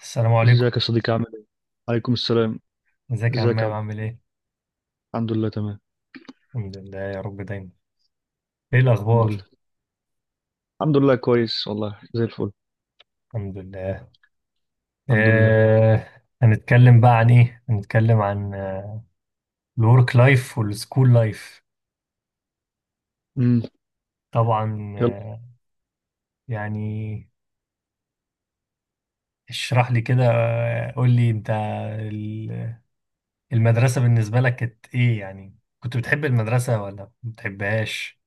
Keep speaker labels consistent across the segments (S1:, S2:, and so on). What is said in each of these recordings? S1: السلام
S2: ازيك
S1: عليكم.
S2: يا صديقي عامل ايه؟ عليكم السلام.
S1: ازيك يا
S2: ازيك يا
S1: عمام،
S2: عبد.
S1: عامل ايه؟
S2: الحمد لله تمام.
S1: الحمد لله يا رب دايما. ايه
S2: الحمد
S1: الاخبار؟
S2: لله. الحمد لله، كويس والله زي الفل.
S1: الحمد لله.
S2: الحمد لله.
S1: هنتكلم بقى عن ايه، هنتكلم عن الورك لايف والسكول لايف.
S2: امم
S1: طبعا،
S2: يلا.
S1: يعني اشرح لي كده، قول لي انت. ال- المدرسة بالنسبة لك كانت ايه؟ يعني كنت بتحب المدرسة ولا ما بتحبهاش؟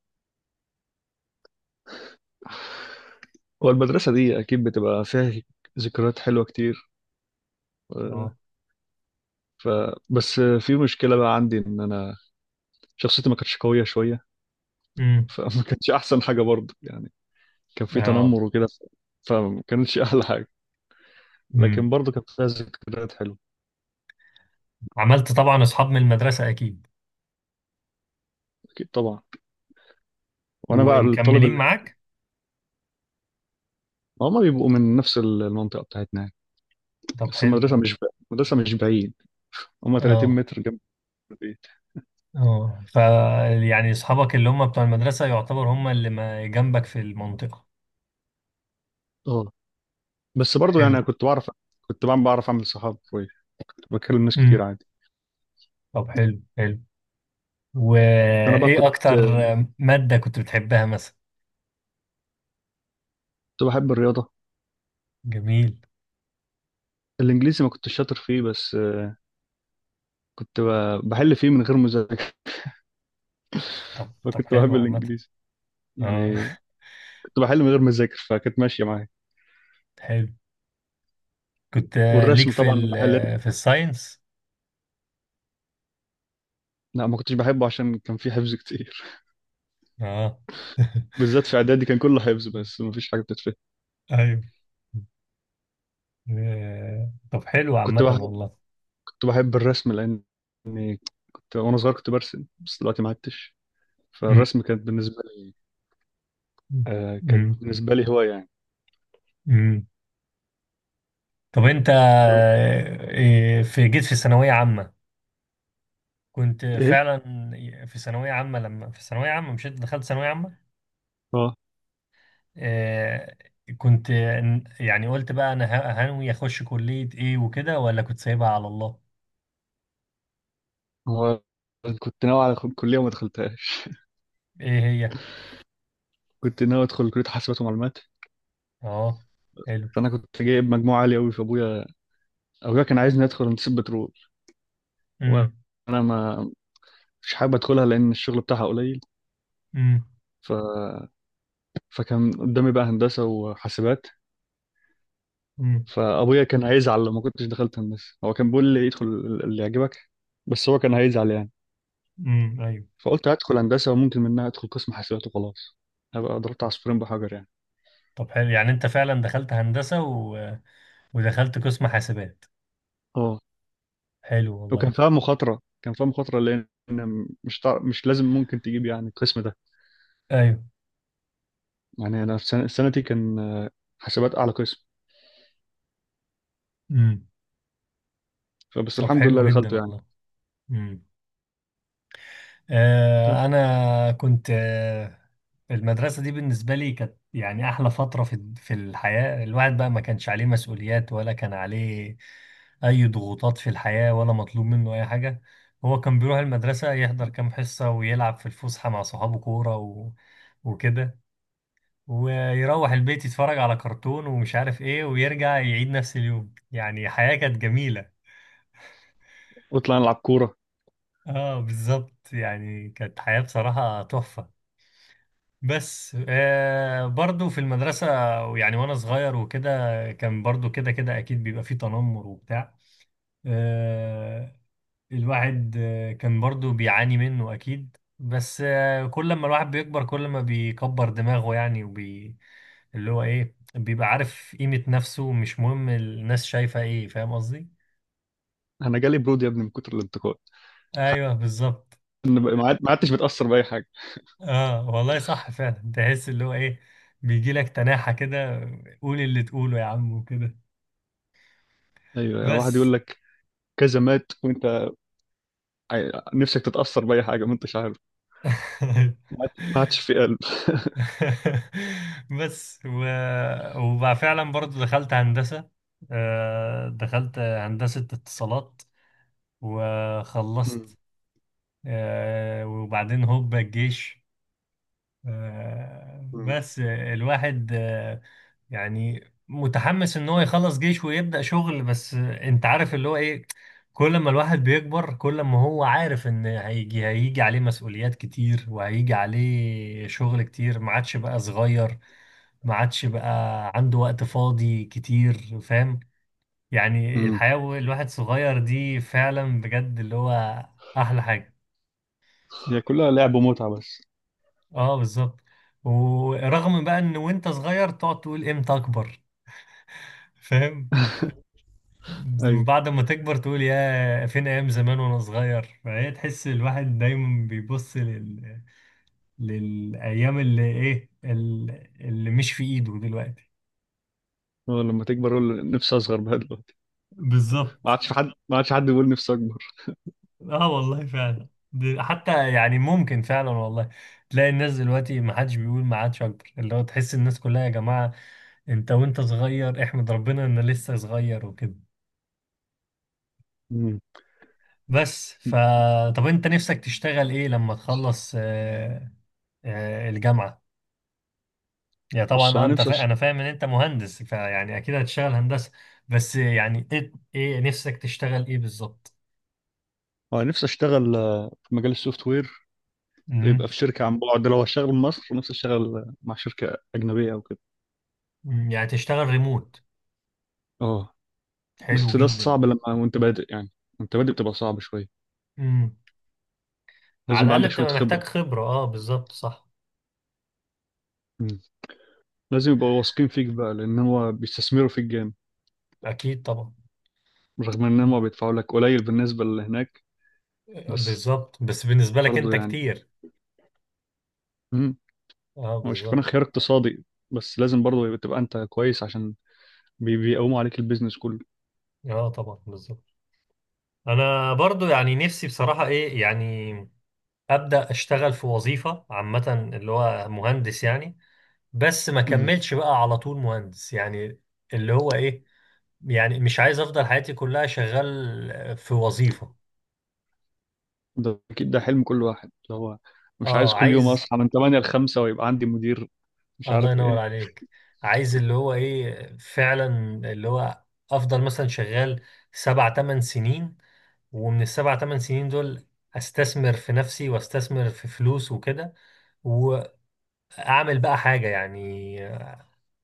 S2: هو المدرسة دي أكيد بتبقى فيها ذكريات حلوة كتير. آه،
S1: اه.
S2: ف بس في مشكلة بقى عندي إن أنا شخصيتي ما كانتش قوية شوية.
S1: امم.
S2: فما كانتش أحسن حاجة برضه يعني. كان في
S1: اه.
S2: تنمر وكده فما كانتش أحلى حاجة،
S1: امم.
S2: لكن برضه كانت فيها ذكريات حلوة.
S1: عملت طبعا اصحاب من المدرسة اكيد،
S2: أكيد طبعا. وأنا بقى الطالب
S1: ومكملين
S2: اللي
S1: معاك.
S2: هما بيبقوا من نفس المنطقة بتاعتنا يعني.
S1: طب
S2: بس المدرسة
S1: حلو.
S2: مش بعيد المدرسة مش بعيد، هم 30
S1: اه.
S2: متر جنب البيت.
S1: اه. يعني اصحابك اللي هم بتوع المدرسه يعتبر هم اللي ما جنبك في المنطقه.
S2: اه. بس برضو يعني
S1: حلو.
S2: انا كنت بعرف، كنت بعمل بعرف اعمل صحاب كويس، كنت بكلم ناس
S1: امم.
S2: كتير عادي.
S1: طب حلو حلو.
S2: انا بقى
S1: وايه
S2: كنت
S1: اكتر ماده كنت بتحبها مثلا؟
S2: كنت بحب الرياضه.
S1: جميل.
S2: الانجليزي ما كنتش شاطر فيه، بس كنت بحل فيه من غير مذاكره.
S1: طب طب
S2: فكنت
S1: حلو
S2: بحب
S1: عامه.
S2: الانجليزي
S1: اه.
S2: يعني، كنت بحل من غير مذاكر فكانت ماشيه معايا.
S1: حلو. كنت ليك
S2: والرسم طبعا بحل.
S1: في الساينس؟
S2: لا ما كنتش بحبه عشان كان فيه حفظ كتير.
S1: اه.
S2: بالذات في اعدادي كان كله حفظ بس ما فيش حاجه بتتفهم.
S1: ايوه. طب حلو
S2: كنت
S1: عامه
S2: بحب
S1: والله.
S2: كنت بحب الرسم لان إني كنت وانا صغير كنت برسم، بس دلوقتي ما عدتش.
S1: امم.
S2: فالرسم كانت بالنسبه لي آه كانت بالنسبة لي هواية يعني.
S1: امم. طب انت،
S2: طب
S1: في جيت في ثانوية عامة، كنت
S2: إيه؟
S1: فعلا في ثانوية عامة، لما في ثانوية عامة، مش انت دخلت ثانوية عامة؟
S2: اه.
S1: آه، كنت يعني قلت بقى انا هنوي اخش كلية ايه وكده، ولا كنت سايبها على الله؟
S2: هو كنت ناوي على كلية وما دخلتهاش.
S1: ايه هي؟
S2: كنت ناوي أدخل كلية حاسبات ومعلومات.
S1: اه. حلو.
S2: فأنا كنت جايب مجموعة عالية أوي. أبويا كان عايزني أدخل هندسة بترول،
S1: امم.
S2: وأنا ما مش حابب أدخلها لأن الشغل بتاعها قليل.
S1: امم.
S2: ف... فكان قدامي بقى هندسة وحاسبات.
S1: امم.
S2: فأبويا كان هيزعل لو ما كنتش دخلت هندسة، هو كان بيقول لي ادخل اللي يعجبك، بس هو كان هيزعل يعني.
S1: امم. ايوه.
S2: فقلت هدخل هندسة وممكن منها أدخل قسم حاسبات وخلاص، هبقى ضربت عصفورين بحجر يعني.
S1: طب حلو. يعني انت فعلا دخلت هندسة ودخلت قسم حاسبات.
S2: اه.
S1: حلو والله.
S2: وكان فيها مخاطرة، كان فيها مخاطرة لأن مش لازم ممكن تجيب يعني القسم ده.
S1: ايوه.
S2: يعني أنا في سنتي كان حسابات أعلى قسم.
S1: امم. طب
S2: الحمد لله
S1: حلو جدا
S2: دخلته يعني.
S1: والله. امم.
S2: يلا.
S1: أنا كنت المدرسة دي بالنسبة لي كانت يعني أحلى فترة في الحياة. الواحد بقى ما كانش عليه مسؤوليات، ولا كان عليه أي ضغوطات في الحياة، ولا مطلوب منه أي حاجة. هو كان بيروح المدرسة، يحضر كام حصة، ويلعب في الفسحة مع صحابه كورة وكده، ويروح البيت يتفرج على كرتون ومش عارف إيه، ويرجع يعيد نفس اليوم. يعني حياة كانت جميلة.
S2: وطلعنا نلعب كورة.
S1: اه بالظبط. يعني كانت حياة بصراحة تحفة. بس برضو في المدرسة، يعني وأنا صغير وكده، كان برضو كده كده أكيد بيبقى فيه تنمر وبتاع. آه الواحد كان برضو بيعاني منه أكيد. بس كل ما الواحد بيكبر كل ما بيكبر دماغه، يعني اللي هو إيه، بيبقى عارف قيمة نفسه، مش مهم الناس شايفة إيه. فاهم قصدي؟
S2: أنا جالي برود يا ابني من كتر الانتقاد.
S1: أيوه بالظبط.
S2: أنا ما عدتش بتأثر بأي حاجة.
S1: آه والله صح فعلا. تحس اللي هو إيه، بيجيلك تناحة كده، قول اللي تقوله يا عم وكده.
S2: أيوة، واحد
S1: بس.
S2: يقول لك كذا مات وأنت نفسك تتأثر بأي حاجة، ما أنتش عارف. ما عادش ما عادش في قلب.
S1: بس وبقى فعلا برضو دخلت هندسة، دخلت هندسة اتصالات
S2: مم.
S1: وخلصت. وبعدين هوب الجيش.
S2: مم.
S1: بس الواحد يعني متحمس ان هو يخلص جيش ويبدأ شغل. بس انت عارف اللي هو ايه، كل ما الواحد بيكبر كل ما هو عارف ان هيجي عليه مسؤوليات كتير، وهيجي عليه شغل كتير، ما عادش بقى صغير، ما عادش بقى عنده وقت فاضي كتير. فاهم؟ يعني
S2: مم.
S1: الحياة الواحد صغير دي فعلا بجد اللي هو احلى حاجة.
S2: هي كلها لعب ومتعة بس.
S1: اه بالظبط. ورغم بقى ان وانت صغير تقعد تقول امتى اكبر، فاهم،
S2: أيوة.
S1: وبعد ما تكبر تقول يا فين ايام زمان وانا صغير. فهي تحس الواحد دايما بيبص للايام اللي ايه، اللي مش في ايده دلوقتي.
S2: هو لما تكبر أقول نفسي أصغر بقى دلوقتي. ما
S1: بالظبط.
S2: عادش في حد، ما عادش حد بيقول نفسي
S1: اه والله فعلا، حتى يعني ممكن فعلا والله تلاقي الناس دلوقتي ما حدش بيقول ما عادش اكبر. اللي هو تحس الناس كلها يا جماعة، انت وانت صغير احمد ربنا ان لسه صغير وكده.
S2: أكبر.
S1: بس طب انت نفسك تشتغل ايه لما تخلص الجامعة؟ يعني
S2: بص،
S1: طبعا انا فاهم ان انت مهندس، فيعني اكيد هتشتغل هندسة. بس يعني ايه، إيه نفسك تشتغل ايه بالظبط؟
S2: هو أنا نفسي أشتغل في مجال السوفت وير.
S1: امم.
S2: يبقى في شركة عن بعد، لو هشتغل في مصر نفسي أشتغل مع شركة أجنبية أو كده.
S1: أمم، يعني تشتغل ريموت؟
S2: أه.
S1: حلو
S2: بس ده
S1: جدا.
S2: صعب لما وأنت بادئ يعني، وأنت بادئ بتبقى صعب شوية.
S1: امم. على
S2: لازم يبقى
S1: الاقل
S2: عندك شوية
S1: بتبقى
S2: خبرة.
S1: محتاج خبرة، اه بالظبط صح.
S2: مم. لازم يبقوا واثقين فيك بقى لأن هو بيستثمروا فيك جامد،
S1: اكيد طبعا.
S2: رغم إن
S1: أمم.
S2: هم بيدفعوا لك قليل بالنسبة اللي هناك. بس
S1: بالظبط، بس بالنسبة لك
S2: برضه
S1: انت
S2: يعني.
S1: كتير.
S2: مم.
S1: اه
S2: هو شايف أنا
S1: بالظبط.
S2: خيار اقتصادي، بس لازم برضه تبقى أنت كويس عشان بيقوموا عليك البيزنس كله.
S1: اه طبعا بالظبط. انا برضو يعني نفسي بصراحة ايه يعني، ابدا اشتغل في وظيفه عامه اللي هو مهندس يعني، بس ما
S2: مم.
S1: كملش بقى على طول مهندس يعني. اللي هو ايه، يعني مش عايز افضل حياتي كلها شغال في وظيفه.
S2: ده اكيد ده حلم كل واحد، اللي هو مش عايز
S1: اه.
S2: كل يوم
S1: عايز.
S2: اصحى من 8 ل 5 ويبقى عندي مدير مش
S1: الله
S2: عارف
S1: ينور
S2: ايه.
S1: عليك. عايز اللي هو ايه فعلا، اللي هو افضل مثلا شغال سبع تمن سنين، ومن السبع تمن سنين دول استثمر في نفسي واستثمر في فلوس وكده، واعمل بقى حاجه يعني،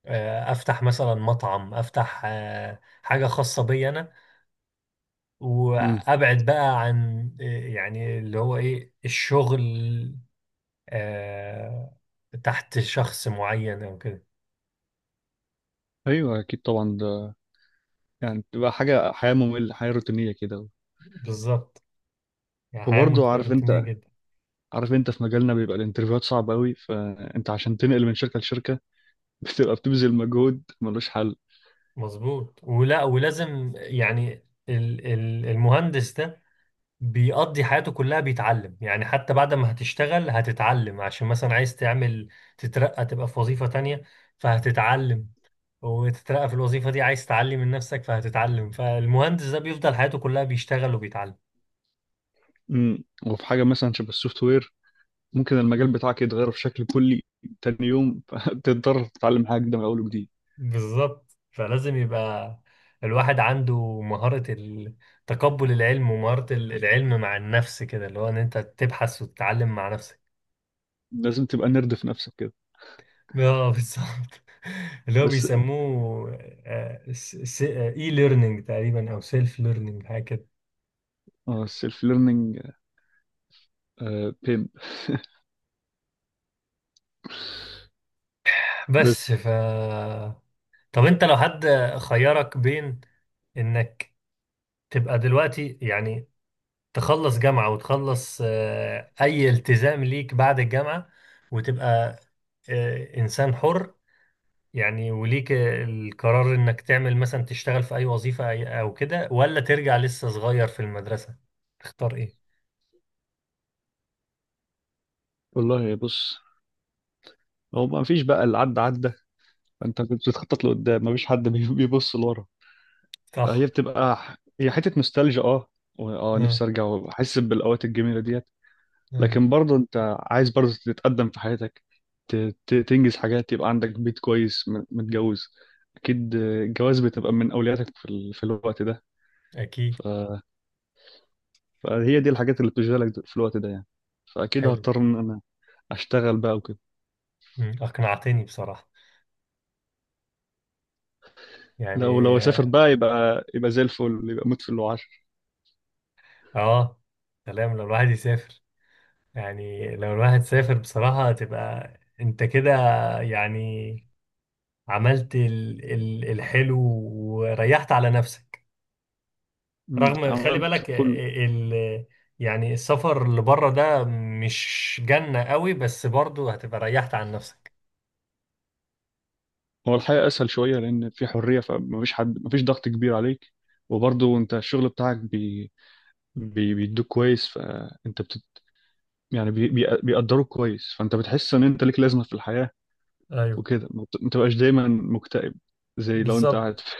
S1: افتح مثلا مطعم، افتح حاجه خاصه بي انا،
S2: امم
S1: وابعد بقى عن يعني اللي هو ايه الشغل آه، تحت شخص معين او كده.
S2: ايوه اكيد طبعا ده، يعني بتبقى حاجه، حياه ممله حياه روتينيه كده.
S1: بالظبت. يعني حياه
S2: وبرضه عارف انت
S1: روتينيه جدا.
S2: عارف انت في مجالنا بيبقى الانترفيوهات صعبه قوي، فانت عشان تنقل من شركه لشركه بتبقى بتبذل مجهود ملوش حل.
S1: مظبوط، ولازم يعني المهندس ده بيقضي حياته كلها بيتعلم. يعني حتى بعد ما هتشتغل هتتعلم عشان مثلا عايز تعمل تترقى تبقى في وظيفة تانية، فهتتعلم وتترقى في الوظيفة دي. عايز تعلي من نفسك فهتتعلم، فالمهندس ده بيفضل حياته كلها بيشتغل وبيتعلم.
S2: وفي حاجه مثلا شبه السوفت وير، ممكن المجال بتاعك يتغير بشكل كلي تاني يوم. فتضطر تتعلم حاجه جديده من اول وجديد.
S1: بالظبط. فلازم يبقى الواحد عنده مهارة تقبل العلم، ومهارة العلم مع النفس كده، اللي هو ان انت تبحث وتتعلم مع نفسك.
S2: لازم تبقى نرد في نفسك كده.
S1: اه بالظبط. اللي هو
S2: بس
S1: بيسموه اي ليرنينج تقريبا او سيلف ليرنينج حاجة كده.
S2: اه، السيلف ليرنينج.
S1: بس
S2: بس
S1: طب انت لو حد خيرك بين انك تبقى دلوقتي يعني تخلص جامعة وتخلص أي التزام ليك بعد الجامعة، وتبقى إنسان حر، يعني وليك القرار إنك تعمل مثلا تشتغل في أي وظيفة أو كده، ولا ترجع لسه صغير في المدرسة، تختار إيه؟
S2: والله، بص. هو ما فيش بقى اللي عدى عدى، انت بتخطط لقدام، ما فيش حد بيبص لورا. فهي
S1: صح.
S2: بتبقى هي حته نوستالجيا. اه. و- اه
S1: آه
S2: نفسي ارجع واحس بالاوقات الجميله ديت.
S1: آه،
S2: لكن برضه انت عايز برضه تتقدم في حياتك، تنجز حاجات، يبقى عندك بيت كويس، متجوز. اكيد الجواز بتبقى من اولوياتك في الوقت ده.
S1: أكيد.
S2: ف... فهي دي الحاجات اللي بتشغلك في الوقت ده يعني. فاكيد
S1: حلو.
S2: هضطر ان انا اشتغل بقى وكده.
S1: أقنعتني بصراحة.
S2: لو
S1: يعني
S2: اسافر بقى يبقى زي الفل، يبقى موت في اللي عشر.
S1: آه، سلام لو الواحد يسافر. يعني لو الواحد سافر بصراحة تبقى أنت كده يعني، عملت ال ال الحلو وريحت على نفسك. رغم خلي
S2: عملت
S1: بالك
S2: كل.
S1: آه، ال يعني السفر اللي بره ده مش جنة قوي، بس برضو هتبقى ريحت عن نفسك.
S2: هو الحقيقه اسهل شويه لان في حريه، فمفيش حد، مفيش ضغط كبير عليك. وبرضه انت الشغل بتاعك بيدوك كويس، فانت بت... يعني بي... بي... بيقدروك كويس، فانت بتحس ان انت ليك لازمه في الحياه
S1: ايوه
S2: وكده، ما تبقاش دايما مكتئب زي لو انت
S1: بالظبط.
S2: قاعد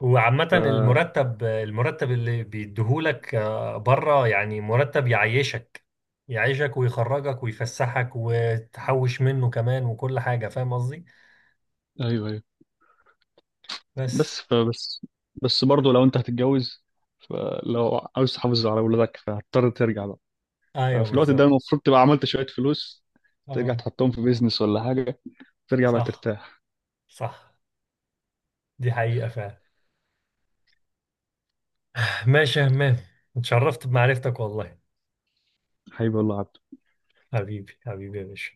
S1: وعامة
S2: ف...
S1: المرتب اللي بيديهولك بره يعني مرتب يعيشك، يعيشك ويخرجك ويفسحك وتحوش منه كمان وكل حاجة. فاهم قصدي؟
S2: ايوه، ايوه.
S1: بس.
S2: بس فبس بس برضه لو انت هتتجوز، فلو عاوز تحافظ على اولادك فهتضطر ترجع بقى.
S1: ايوه
S2: ففي الوقت ده
S1: بالظبط.
S2: المفروض تبقى عملت شوية فلوس، ترجع
S1: اه.
S2: تحطهم في بيزنس ولا حاجة، ترجع بقى
S1: صح.
S2: ترتاح.
S1: صح. دي حقيقة فعلا. ماشي يا همام، اتشرفت بمعرفتك والله.
S2: حبيبي والله يا عبد
S1: حبيبي حبيبي يا باشا.